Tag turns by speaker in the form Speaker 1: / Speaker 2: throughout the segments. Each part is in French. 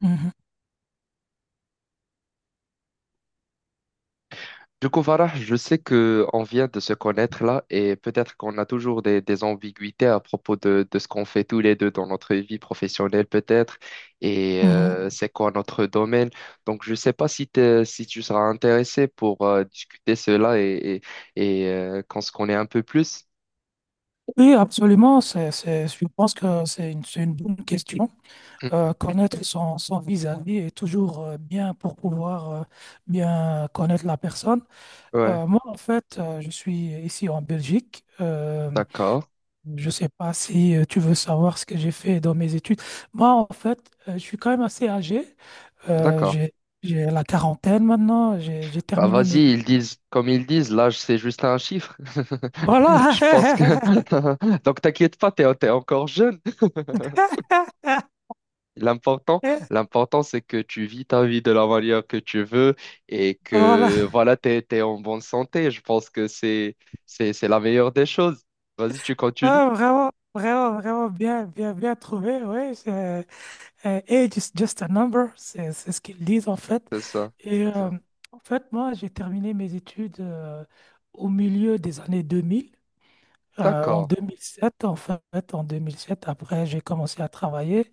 Speaker 1: Mhm,
Speaker 2: Du coup, Farah, je sais que on vient de se connaître là et peut-être qu'on a toujours des ambiguïtés à propos de ce qu'on fait tous les deux dans notre vie professionnelle peut-être et
Speaker 1: mhm.
Speaker 2: c'est quoi notre domaine. Donc, je ne sais pas si, si tu seras intéressé pour discuter cela et qu'on se connaît un peu plus.
Speaker 1: Oui, absolument. Je pense que c'est une bonne question.
Speaker 2: Hmm.
Speaker 1: Connaître son vis-à-vis est toujours bien pour pouvoir bien connaître la personne.
Speaker 2: Ouais,
Speaker 1: Moi, en fait, je suis ici en Belgique.
Speaker 2: d'accord,
Speaker 1: Je ne sais pas si tu veux savoir ce que j'ai fait dans mes études. Moi, en fait, je suis quand même assez âgé. Euh,
Speaker 2: d'accord.
Speaker 1: j'ai, j'ai la quarantaine maintenant. J'ai
Speaker 2: Bah,
Speaker 1: terminé
Speaker 2: vas-y,
Speaker 1: mes
Speaker 2: ils
Speaker 1: études.
Speaker 2: disent, comme ils disent, l'âge, c'est juste un chiffre.
Speaker 1: Voilà.
Speaker 2: Je pense que donc, t'inquiète pas, t'es encore jeune. L'important, l'important, c'est que tu vis ta vie de la manière que tu veux et
Speaker 1: Voilà.
Speaker 2: que voilà, t'es en bonne santé. Je pense que c'est la meilleure des choses. Vas-y, tu continues.
Speaker 1: Ah, vraiment, vraiment, vraiment bien, bien, bien trouvé, oui. Age is just a number, c'est ce qu'ils disent en fait.
Speaker 2: C'est ça.
Speaker 1: Et
Speaker 2: C'est ça.
Speaker 1: en fait, moi, j'ai terminé mes études au milieu des années 2000, en
Speaker 2: D'accord.
Speaker 1: 2007, en fait, en 2007. Après, j'ai commencé à travailler.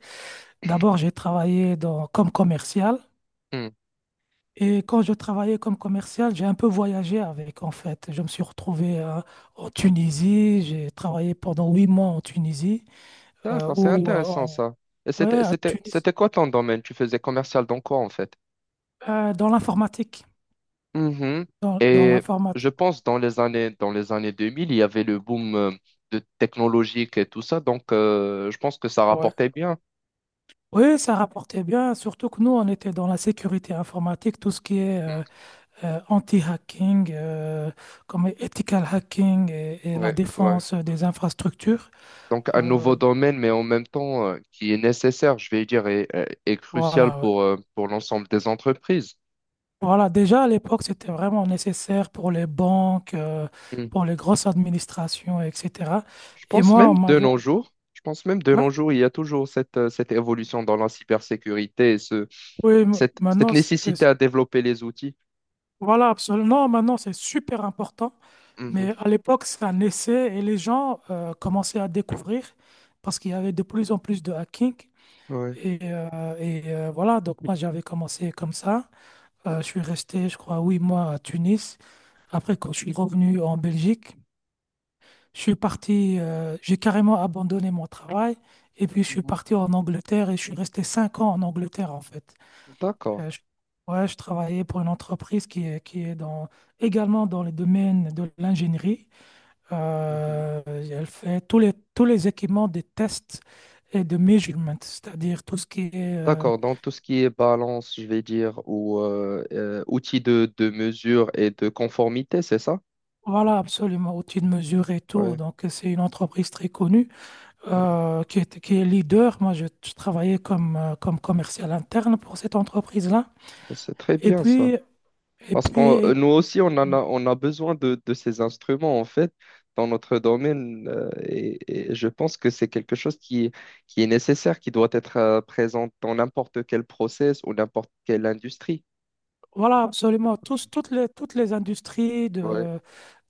Speaker 1: D'abord, j'ai travaillé dans, comme commercial.
Speaker 2: Hmm.
Speaker 1: Et quand je travaillais comme commercial, j'ai un peu voyagé avec, en fait. Je me suis retrouvé en Tunisie, j'ai travaillé pendant 8 mois en Tunisie. euh,
Speaker 2: D'accord, c'est
Speaker 1: ou euh,
Speaker 2: intéressant
Speaker 1: en-
Speaker 2: ça. Et
Speaker 1: ouais, à Tunis,
Speaker 2: c'était quoi ton domaine? Tu faisais commercial dans quoi en fait?
Speaker 1: dans l'informatique.
Speaker 2: Mhm.
Speaker 1: Dans
Speaker 2: Et je
Speaker 1: l'informatique,
Speaker 2: pense dans dans les années 2000, il y avait le boom de technologique et tout ça. Donc, je pense que ça
Speaker 1: ouais.
Speaker 2: rapportait bien.
Speaker 1: Oui, ça rapportait bien, surtout que nous, on était dans la sécurité informatique, tout ce qui est anti-hacking, comme ethical hacking et la
Speaker 2: Ouais.
Speaker 1: défense des infrastructures.
Speaker 2: Donc, un
Speaker 1: Euh,
Speaker 2: nouveau domaine, mais en même temps, qui est nécessaire, je vais dire, et et crucial
Speaker 1: voilà, ouais.
Speaker 2: pour l'ensemble des entreprises.
Speaker 1: Voilà, déjà à l'époque, c'était vraiment nécessaire pour les banques,
Speaker 2: Hmm.
Speaker 1: pour les grosses administrations, etc.
Speaker 2: Je
Speaker 1: Et
Speaker 2: pense
Speaker 1: moi, on
Speaker 2: même de
Speaker 1: m'avait.
Speaker 2: nos jours, je pense même de
Speaker 1: Hein.
Speaker 2: nos jours, il y a toujours cette évolution dans la cybersécurité et
Speaker 1: Oui,
Speaker 2: cette
Speaker 1: maintenant, c'est.
Speaker 2: nécessité à développer les outils.
Speaker 1: Voilà, absolument. Non, maintenant, c'est super important.
Speaker 2: Mhm.
Speaker 1: Mais à l'époque, c'est un essai et les gens commençaient à découvrir parce qu'il y avait de plus en plus de hacking.
Speaker 2: Ouais.
Speaker 1: Et, euh, voilà, donc moi, j'avais commencé comme ça. Je suis resté, je crois, 8 mois à Tunis. Après, quand je suis revenu en Belgique, je suis parti, j'ai carrément abandonné mon travail. Et puis, je suis
Speaker 2: Mhm.
Speaker 1: parti en Angleterre et je suis resté 5 ans en Angleterre, en fait.
Speaker 2: D'accord.
Speaker 1: Euh, je- ouais, je travaillais pour une entreprise qui est dans, également dans le domaine de l'ingénierie.
Speaker 2: Mhm.
Speaker 1: Elle fait tous les équipements de tests et de measurement, c'est-à-dire tout ce qui est,
Speaker 2: D'accord. Dans tout ce qui est balance, je vais dire, ou outils de mesure et de conformité, c'est ça?
Speaker 1: voilà, absolument, outils de mesure et tout.
Speaker 2: Ouais.
Speaker 1: Donc, c'est une entreprise très connue
Speaker 2: Ouais.
Speaker 1: qui est leader. Moi, je travaillais comme, comme commercial interne pour cette entreprise-là.
Speaker 2: C'est très
Speaker 1: Et
Speaker 2: bien ça.
Speaker 1: puis, et
Speaker 2: Parce
Speaker 1: puis,
Speaker 2: que
Speaker 1: et-
Speaker 2: nous aussi, on a besoin de ces instruments, en fait, dans notre domaine. Et je pense que c'est quelque chose qui est nécessaire, qui doit être présent dans n'importe quel process ou n'importe quelle industrie.
Speaker 1: voilà, absolument. Toutes les industries
Speaker 2: Ouais.
Speaker 1: de,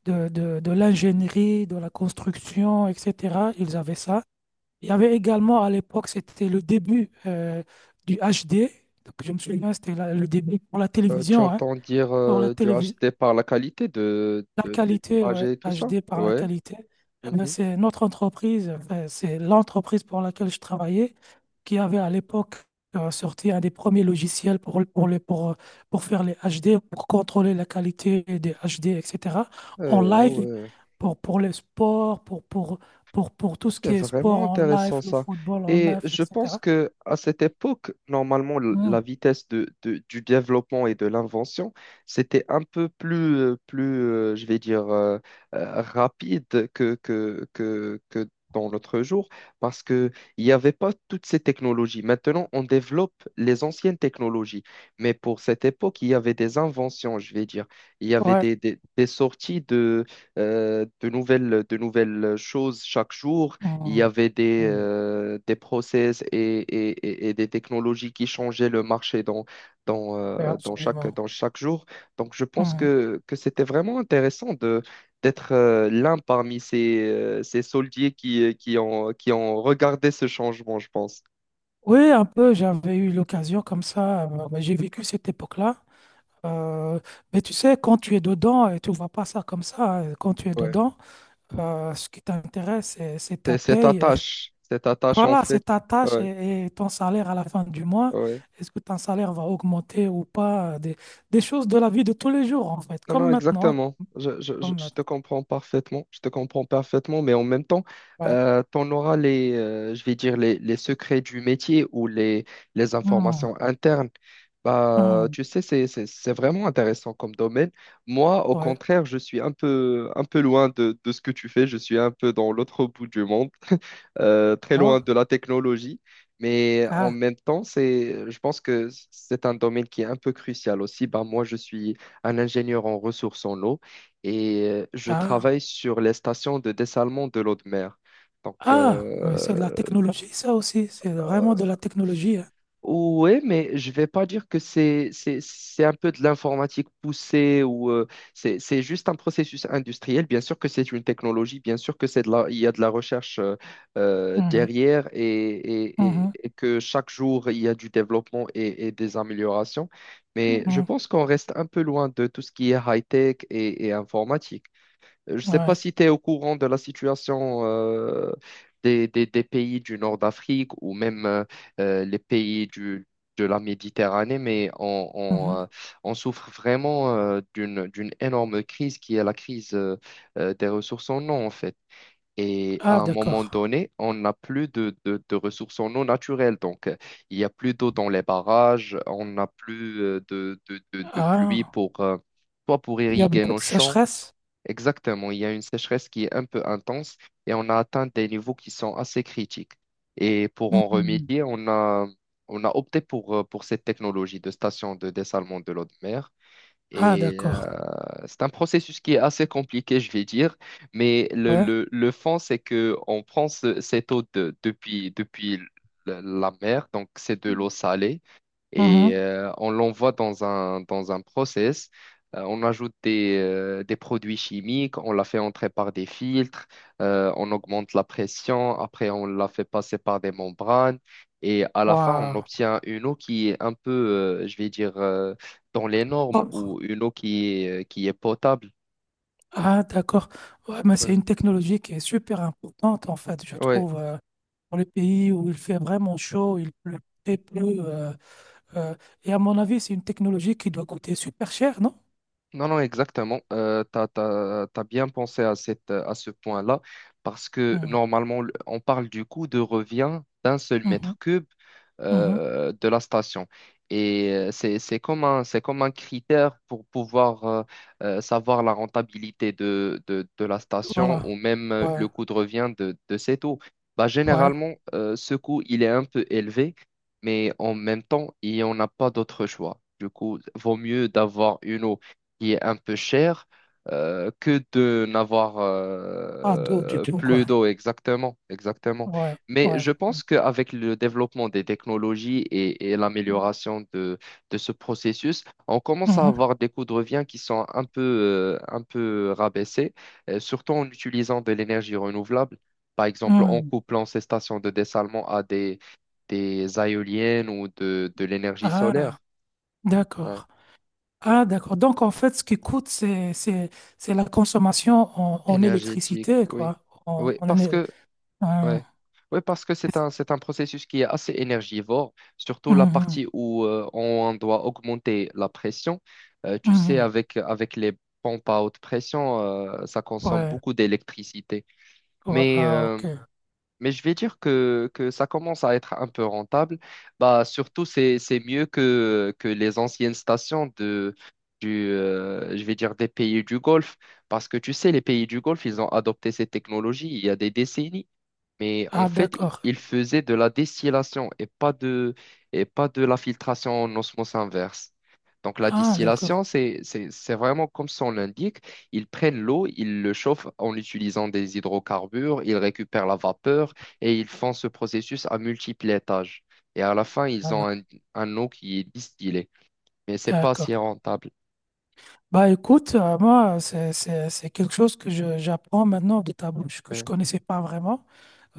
Speaker 1: de, de, de l'ingénierie, de la construction, etc. Ils avaient ça. Il y avait également à l'époque, c'était le début du HD. Donc, je me souviens, c'était le début pour la
Speaker 2: Tu
Speaker 1: télévision. Hein.
Speaker 2: entends dire
Speaker 1: Pour la
Speaker 2: du
Speaker 1: télévision,
Speaker 2: HD par la qualité
Speaker 1: la
Speaker 2: de
Speaker 1: qualité,
Speaker 2: l'image
Speaker 1: ouais,
Speaker 2: et tout ça?
Speaker 1: HD par la
Speaker 2: Ouais.
Speaker 1: qualité, eh ben,
Speaker 2: Mhm.
Speaker 1: c'est notre entreprise, enfin, c'est l'entreprise pour laquelle je travaillais qui avait à l'époque sorti un des premiers logiciels pour, le- pour, les- pour faire les HD, pour contrôler la qualité des HD, etc. En
Speaker 2: Ah
Speaker 1: live,
Speaker 2: ouais.
Speaker 1: pour les sports, pour tout ce
Speaker 2: C'est
Speaker 1: qui est sport
Speaker 2: vraiment
Speaker 1: en live,
Speaker 2: intéressant
Speaker 1: le
Speaker 2: ça.
Speaker 1: football en
Speaker 2: Et
Speaker 1: live,
Speaker 2: je pense
Speaker 1: etc.
Speaker 2: que à cette époque, normalement, la
Speaker 1: Mm.
Speaker 2: vitesse de, du développement et de l'invention, c'était un peu plus, plus je vais dire, rapide que dans notre jour, parce qu'il n'y avait pas toutes ces technologies. Maintenant, on développe les anciennes technologies. Mais pour cette époque, il y avait des inventions, je vais dire. Il y avait
Speaker 1: Ouais.
Speaker 2: des sorties de de nouvelles choses chaque jour. Il y
Speaker 1: Mm.
Speaker 2: avait
Speaker 1: Mm.
Speaker 2: des process et des technologies qui changeaient le marché
Speaker 1: Ouais, absolument.
Speaker 2: dans chaque jour. Donc, je pense que c'était vraiment intéressant de, d'être l'un parmi ces soldiers qui, qui ont regardé ce changement, je pense.
Speaker 1: Oui, un peu, j'avais eu l'occasion comme ça. Bah, j'ai vécu cette époque-là. Euh, mais tu sais, quand tu es dedans, et tu ne vois pas ça comme ça. Hein, quand tu es
Speaker 2: Ouais.
Speaker 1: dedans, ce qui t'intéresse, c'est
Speaker 2: C'est
Speaker 1: ta paye.
Speaker 2: cette attache en
Speaker 1: Voilà, c'est
Speaker 2: fait.
Speaker 1: ta tâche
Speaker 2: Ouais,
Speaker 1: et ton salaire à la fin du mois.
Speaker 2: ouais.
Speaker 1: Est-ce que ton salaire va augmenter ou pas? Des choses de la vie de tous les jours, en fait,
Speaker 2: Non,
Speaker 1: comme
Speaker 2: non,
Speaker 1: maintenant.
Speaker 2: exactement.
Speaker 1: Comme
Speaker 2: Je
Speaker 1: maintenant.
Speaker 2: te comprends parfaitement. Je te comprends parfaitement, mais en même temps, tu
Speaker 1: Ouais.
Speaker 2: en auras les, je vais dire, les secrets du métier ou les
Speaker 1: Hmm,
Speaker 2: informations internes. Bah,
Speaker 1: hmm,
Speaker 2: tu sais, c'est vraiment intéressant comme domaine. Moi, au
Speaker 1: ouais.
Speaker 2: contraire, je suis un peu loin de ce que tu fais. Je suis un peu dans l'autre bout du monde très loin
Speaker 1: Oh,
Speaker 2: de la technologie, mais en
Speaker 1: ah,
Speaker 2: même temps, je pense que c'est un domaine qui est un peu crucial aussi. Ben, moi, je suis un ingénieur en ressources en eau et je
Speaker 1: ah.
Speaker 2: travaille sur les stations de dessalement de l'eau de mer. Donc,
Speaker 1: Ah, mais c'est de la technologie, ça aussi. C'est vraiment de la technologie. Hein.
Speaker 2: oui, mais je vais pas dire que c'est un peu de l'informatique poussée ou c'est juste un processus industriel. Bien sûr que c'est une technologie, bien sûr que c'est de la, il y a de la recherche
Speaker 1: Mhm,
Speaker 2: derrière
Speaker 1: mhm,
Speaker 2: et que chaque jour il y a du développement et des améliorations. Mais je
Speaker 1: mhm,
Speaker 2: pense qu'on reste un peu loin de tout ce qui est high-tech et informatique. Je ne sais pas
Speaker 1: ouais,
Speaker 2: si tu es au courant de la situation des, des pays du nord d'Afrique ou même les pays de la Méditerranée, mais
Speaker 1: mhm.
Speaker 2: on souffre vraiment d'une énorme crise qui est la crise des ressources en eau, en fait. Et à
Speaker 1: Ah,
Speaker 2: un moment
Speaker 1: d'accord.
Speaker 2: donné, on n'a plus de, de ressources en eau naturelles. Donc, il n'y a plus d'eau dans les barrages, on n'a plus de pluie
Speaker 1: Ah,
Speaker 2: pour, soit pour
Speaker 1: il y a
Speaker 2: irriguer
Speaker 1: beaucoup de
Speaker 2: nos champs.
Speaker 1: sécheresse.
Speaker 2: Exactement, il y a une sécheresse qui est un peu intense et on a atteint des niveaux qui sont assez critiques. Et pour en
Speaker 1: Mhm.
Speaker 2: remédier, on a opté pour cette technologie de station de dessalement de l'eau de mer.
Speaker 1: Ah,
Speaker 2: Et
Speaker 1: d'accord.
Speaker 2: c'est un processus qui est assez compliqué, je vais dire, mais
Speaker 1: Ouais.
Speaker 2: le fond, c'est que on prend cette eau depuis, depuis la la mer, donc c'est de l'eau salée et
Speaker 1: Mhm.
Speaker 2: on l'envoie dans un process. On ajoute des produits chimiques, on la fait entrer par des filtres, on augmente la pression, après on la fait passer par des membranes et à la fin on
Speaker 1: Waouh.
Speaker 2: obtient une eau qui est un peu, je vais dire, dans les normes
Speaker 1: Propre.
Speaker 2: ou une eau qui est potable.
Speaker 1: Ah, d'accord. Ouais, mais c'est
Speaker 2: Ouais.
Speaker 1: une technologie qui est super importante, en fait, je
Speaker 2: Ouais.
Speaker 1: trouve, pour les pays où il fait vraiment chaud, il pleut très peu. euh, euh, et à mon avis, c'est une technologie qui doit coûter super cher, non?
Speaker 2: Non, non, exactement. Tu as, bien pensé à cette, à ce point-là parce que
Speaker 1: Mhm,
Speaker 2: normalement, on parle du coût de revient d'un seul
Speaker 1: mhm,
Speaker 2: mètre cube
Speaker 1: mhm.
Speaker 2: de la station. Et c'est comme un critère pour pouvoir savoir la rentabilité de, de la station
Speaker 1: Voilà.
Speaker 2: ou même
Speaker 1: Ouais,
Speaker 2: le coût de revient de cette eau. Bah,
Speaker 1: ouais.
Speaker 2: généralement, ce coût, il est un peu élevé, mais en même temps, il n'y en a pas d'autre choix. Du coup, vaut mieux d'avoir une eau qui est un peu cher que de n'avoir
Speaker 1: Pas d'eau du tout, quoi.
Speaker 2: plus d'eau. Exactement, exactement.
Speaker 1: Ouais,
Speaker 2: Mais
Speaker 1: ouais.
Speaker 2: je pense qu'avec le développement des technologies et l'amélioration de ce processus, on commence à
Speaker 1: Mhm,
Speaker 2: avoir des coûts de revient qui sont un peu rabaissés, surtout en utilisant de l'énergie renouvelable. Par exemple, en
Speaker 1: mhm.
Speaker 2: couplant ces stations de dessalement à des éoliennes ou de l'énergie
Speaker 1: Ah,
Speaker 2: solaire. Ouais.
Speaker 1: d'accord. Ah, d'accord. Donc, en fait, ce qui coûte, c'est la consommation en
Speaker 2: Énergétique,
Speaker 1: électricité,
Speaker 2: oui.
Speaker 1: quoi. En,
Speaker 2: Oui,
Speaker 1: en
Speaker 2: parce
Speaker 1: éner-
Speaker 2: que,
Speaker 1: en-
Speaker 2: ouais. Oui, parce que c'est un processus qui est assez énergivore, surtout la
Speaker 1: Mhm,
Speaker 2: partie où on doit augmenter la pression. Tu sais,
Speaker 1: mhm.
Speaker 2: avec les pompes à haute pression, ça consomme
Speaker 1: Ouais,
Speaker 2: beaucoup d'électricité.
Speaker 1: ouais.
Speaker 2: Mais
Speaker 1: Ah,
Speaker 2: euh,
Speaker 1: ok.
Speaker 2: mais je vais dire que ça commence à être un peu rentable. Bah, surtout, c'est mieux que les anciennes stations de, je vais dire des pays du Golfe. Parce que tu sais, les pays du Golfe, ils ont adopté ces technologies il y a des décennies. Mais en
Speaker 1: Ah,
Speaker 2: fait,
Speaker 1: d'accord.
Speaker 2: il faisait de la distillation et pas de la filtration en osmose inverse. Donc la
Speaker 1: Ah, d'accord.
Speaker 2: distillation, c'est vraiment comme son l'indique. Ils prennent l'eau, ils le chauffent en utilisant des hydrocarbures, ils récupèrent la vapeur et ils font ce processus à multiples étages. Et à la fin,
Speaker 1: Ah, non.
Speaker 2: un eau qui est distillée. Mais c'est pas si
Speaker 1: D'accord.
Speaker 2: rentable.
Speaker 1: Bah, écoute, moi, c'est quelque chose que j'apprends maintenant de ta bouche, que je
Speaker 2: Ouais,
Speaker 1: connaissais pas vraiment.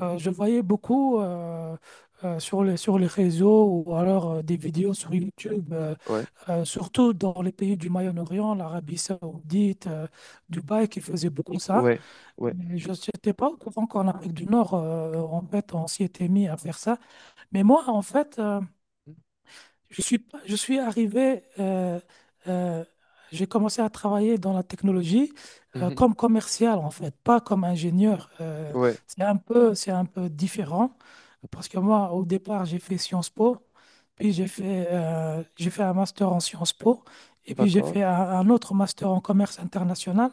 Speaker 1: Je voyais beaucoup sur les réseaux ou alors des vidéos sur YouTube,
Speaker 2: ouais,
Speaker 1: surtout dans les pays du Moyen-Orient, l'Arabie Saoudite, Dubaï, qui faisaient beaucoup ça.
Speaker 2: ouais. Ouais.
Speaker 1: Mais je n'étais pas au courant qu'en Afrique du Nord, en fait, on s'y était mis à faire ça. Mais moi, en fait, je suis, pas- je suis arrivé, euh, j'ai commencé à travailler dans la technologie
Speaker 2: Mhm.
Speaker 1: comme commercial en fait, pas comme ingénieur.
Speaker 2: Ouais,
Speaker 1: C'est un peu différent parce que moi, au départ, j'ai fait Sciences Po, puis j'ai fait un master en Sciences Po, et puis j'ai
Speaker 2: d'accord.
Speaker 1: fait un autre master en commerce international.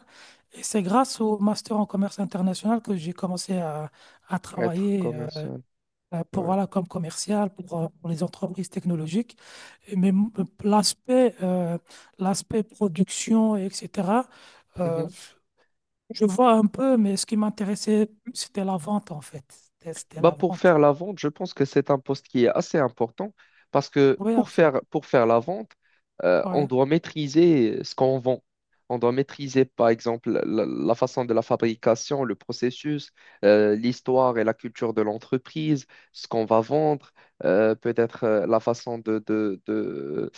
Speaker 1: Et c'est grâce au master en commerce international que j'ai commencé à
Speaker 2: Être
Speaker 1: travailler
Speaker 2: commercial.
Speaker 1: pour,
Speaker 2: Ouais.
Speaker 1: voilà, comme commercial pour les entreprises technologiques mais l'aspect l'aspect production, etc., euh,
Speaker 2: Mhm.
Speaker 1: je vois un peu, mais ce qui m'intéressait plus, c'était la vente, en fait. C'était
Speaker 2: Bah
Speaker 1: la
Speaker 2: pour
Speaker 1: vente.
Speaker 2: faire la vente, je pense que c'est un poste qui est assez important parce que
Speaker 1: Oui, absolument.
Speaker 2: pour faire la vente, on
Speaker 1: Ouais.
Speaker 2: doit maîtriser ce qu'on vend. On doit maîtriser, par exemple, la façon de la fabrication, le processus, l'histoire et la culture de l'entreprise, ce qu'on va vendre, peut-être la façon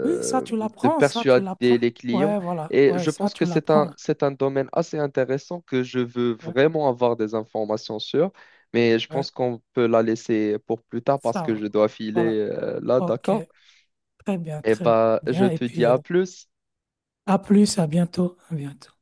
Speaker 1: Oui, ça, tu
Speaker 2: de
Speaker 1: l'apprends, ça, tu
Speaker 2: persuader
Speaker 1: l'apprends.
Speaker 2: les clients.
Speaker 1: Ouais, voilà.
Speaker 2: Et
Speaker 1: Ouais,
Speaker 2: je
Speaker 1: ça,
Speaker 2: pense que
Speaker 1: tu l'apprends.
Speaker 2: c'est un domaine assez intéressant que je veux
Speaker 1: Ouais,
Speaker 2: vraiment avoir des informations sur. Mais je
Speaker 1: ouais,
Speaker 2: pense qu'on peut la laisser pour plus tard parce
Speaker 1: ça,
Speaker 2: que
Speaker 1: va.
Speaker 2: je dois filer
Speaker 1: Voilà.
Speaker 2: là,
Speaker 1: OK.
Speaker 2: d'accord?
Speaker 1: Très bien,
Speaker 2: Eh
Speaker 1: très
Speaker 2: ben, je
Speaker 1: bien. Et
Speaker 2: te dis
Speaker 1: puis,
Speaker 2: à plus.
Speaker 1: à plus, à bientôt. À bientôt.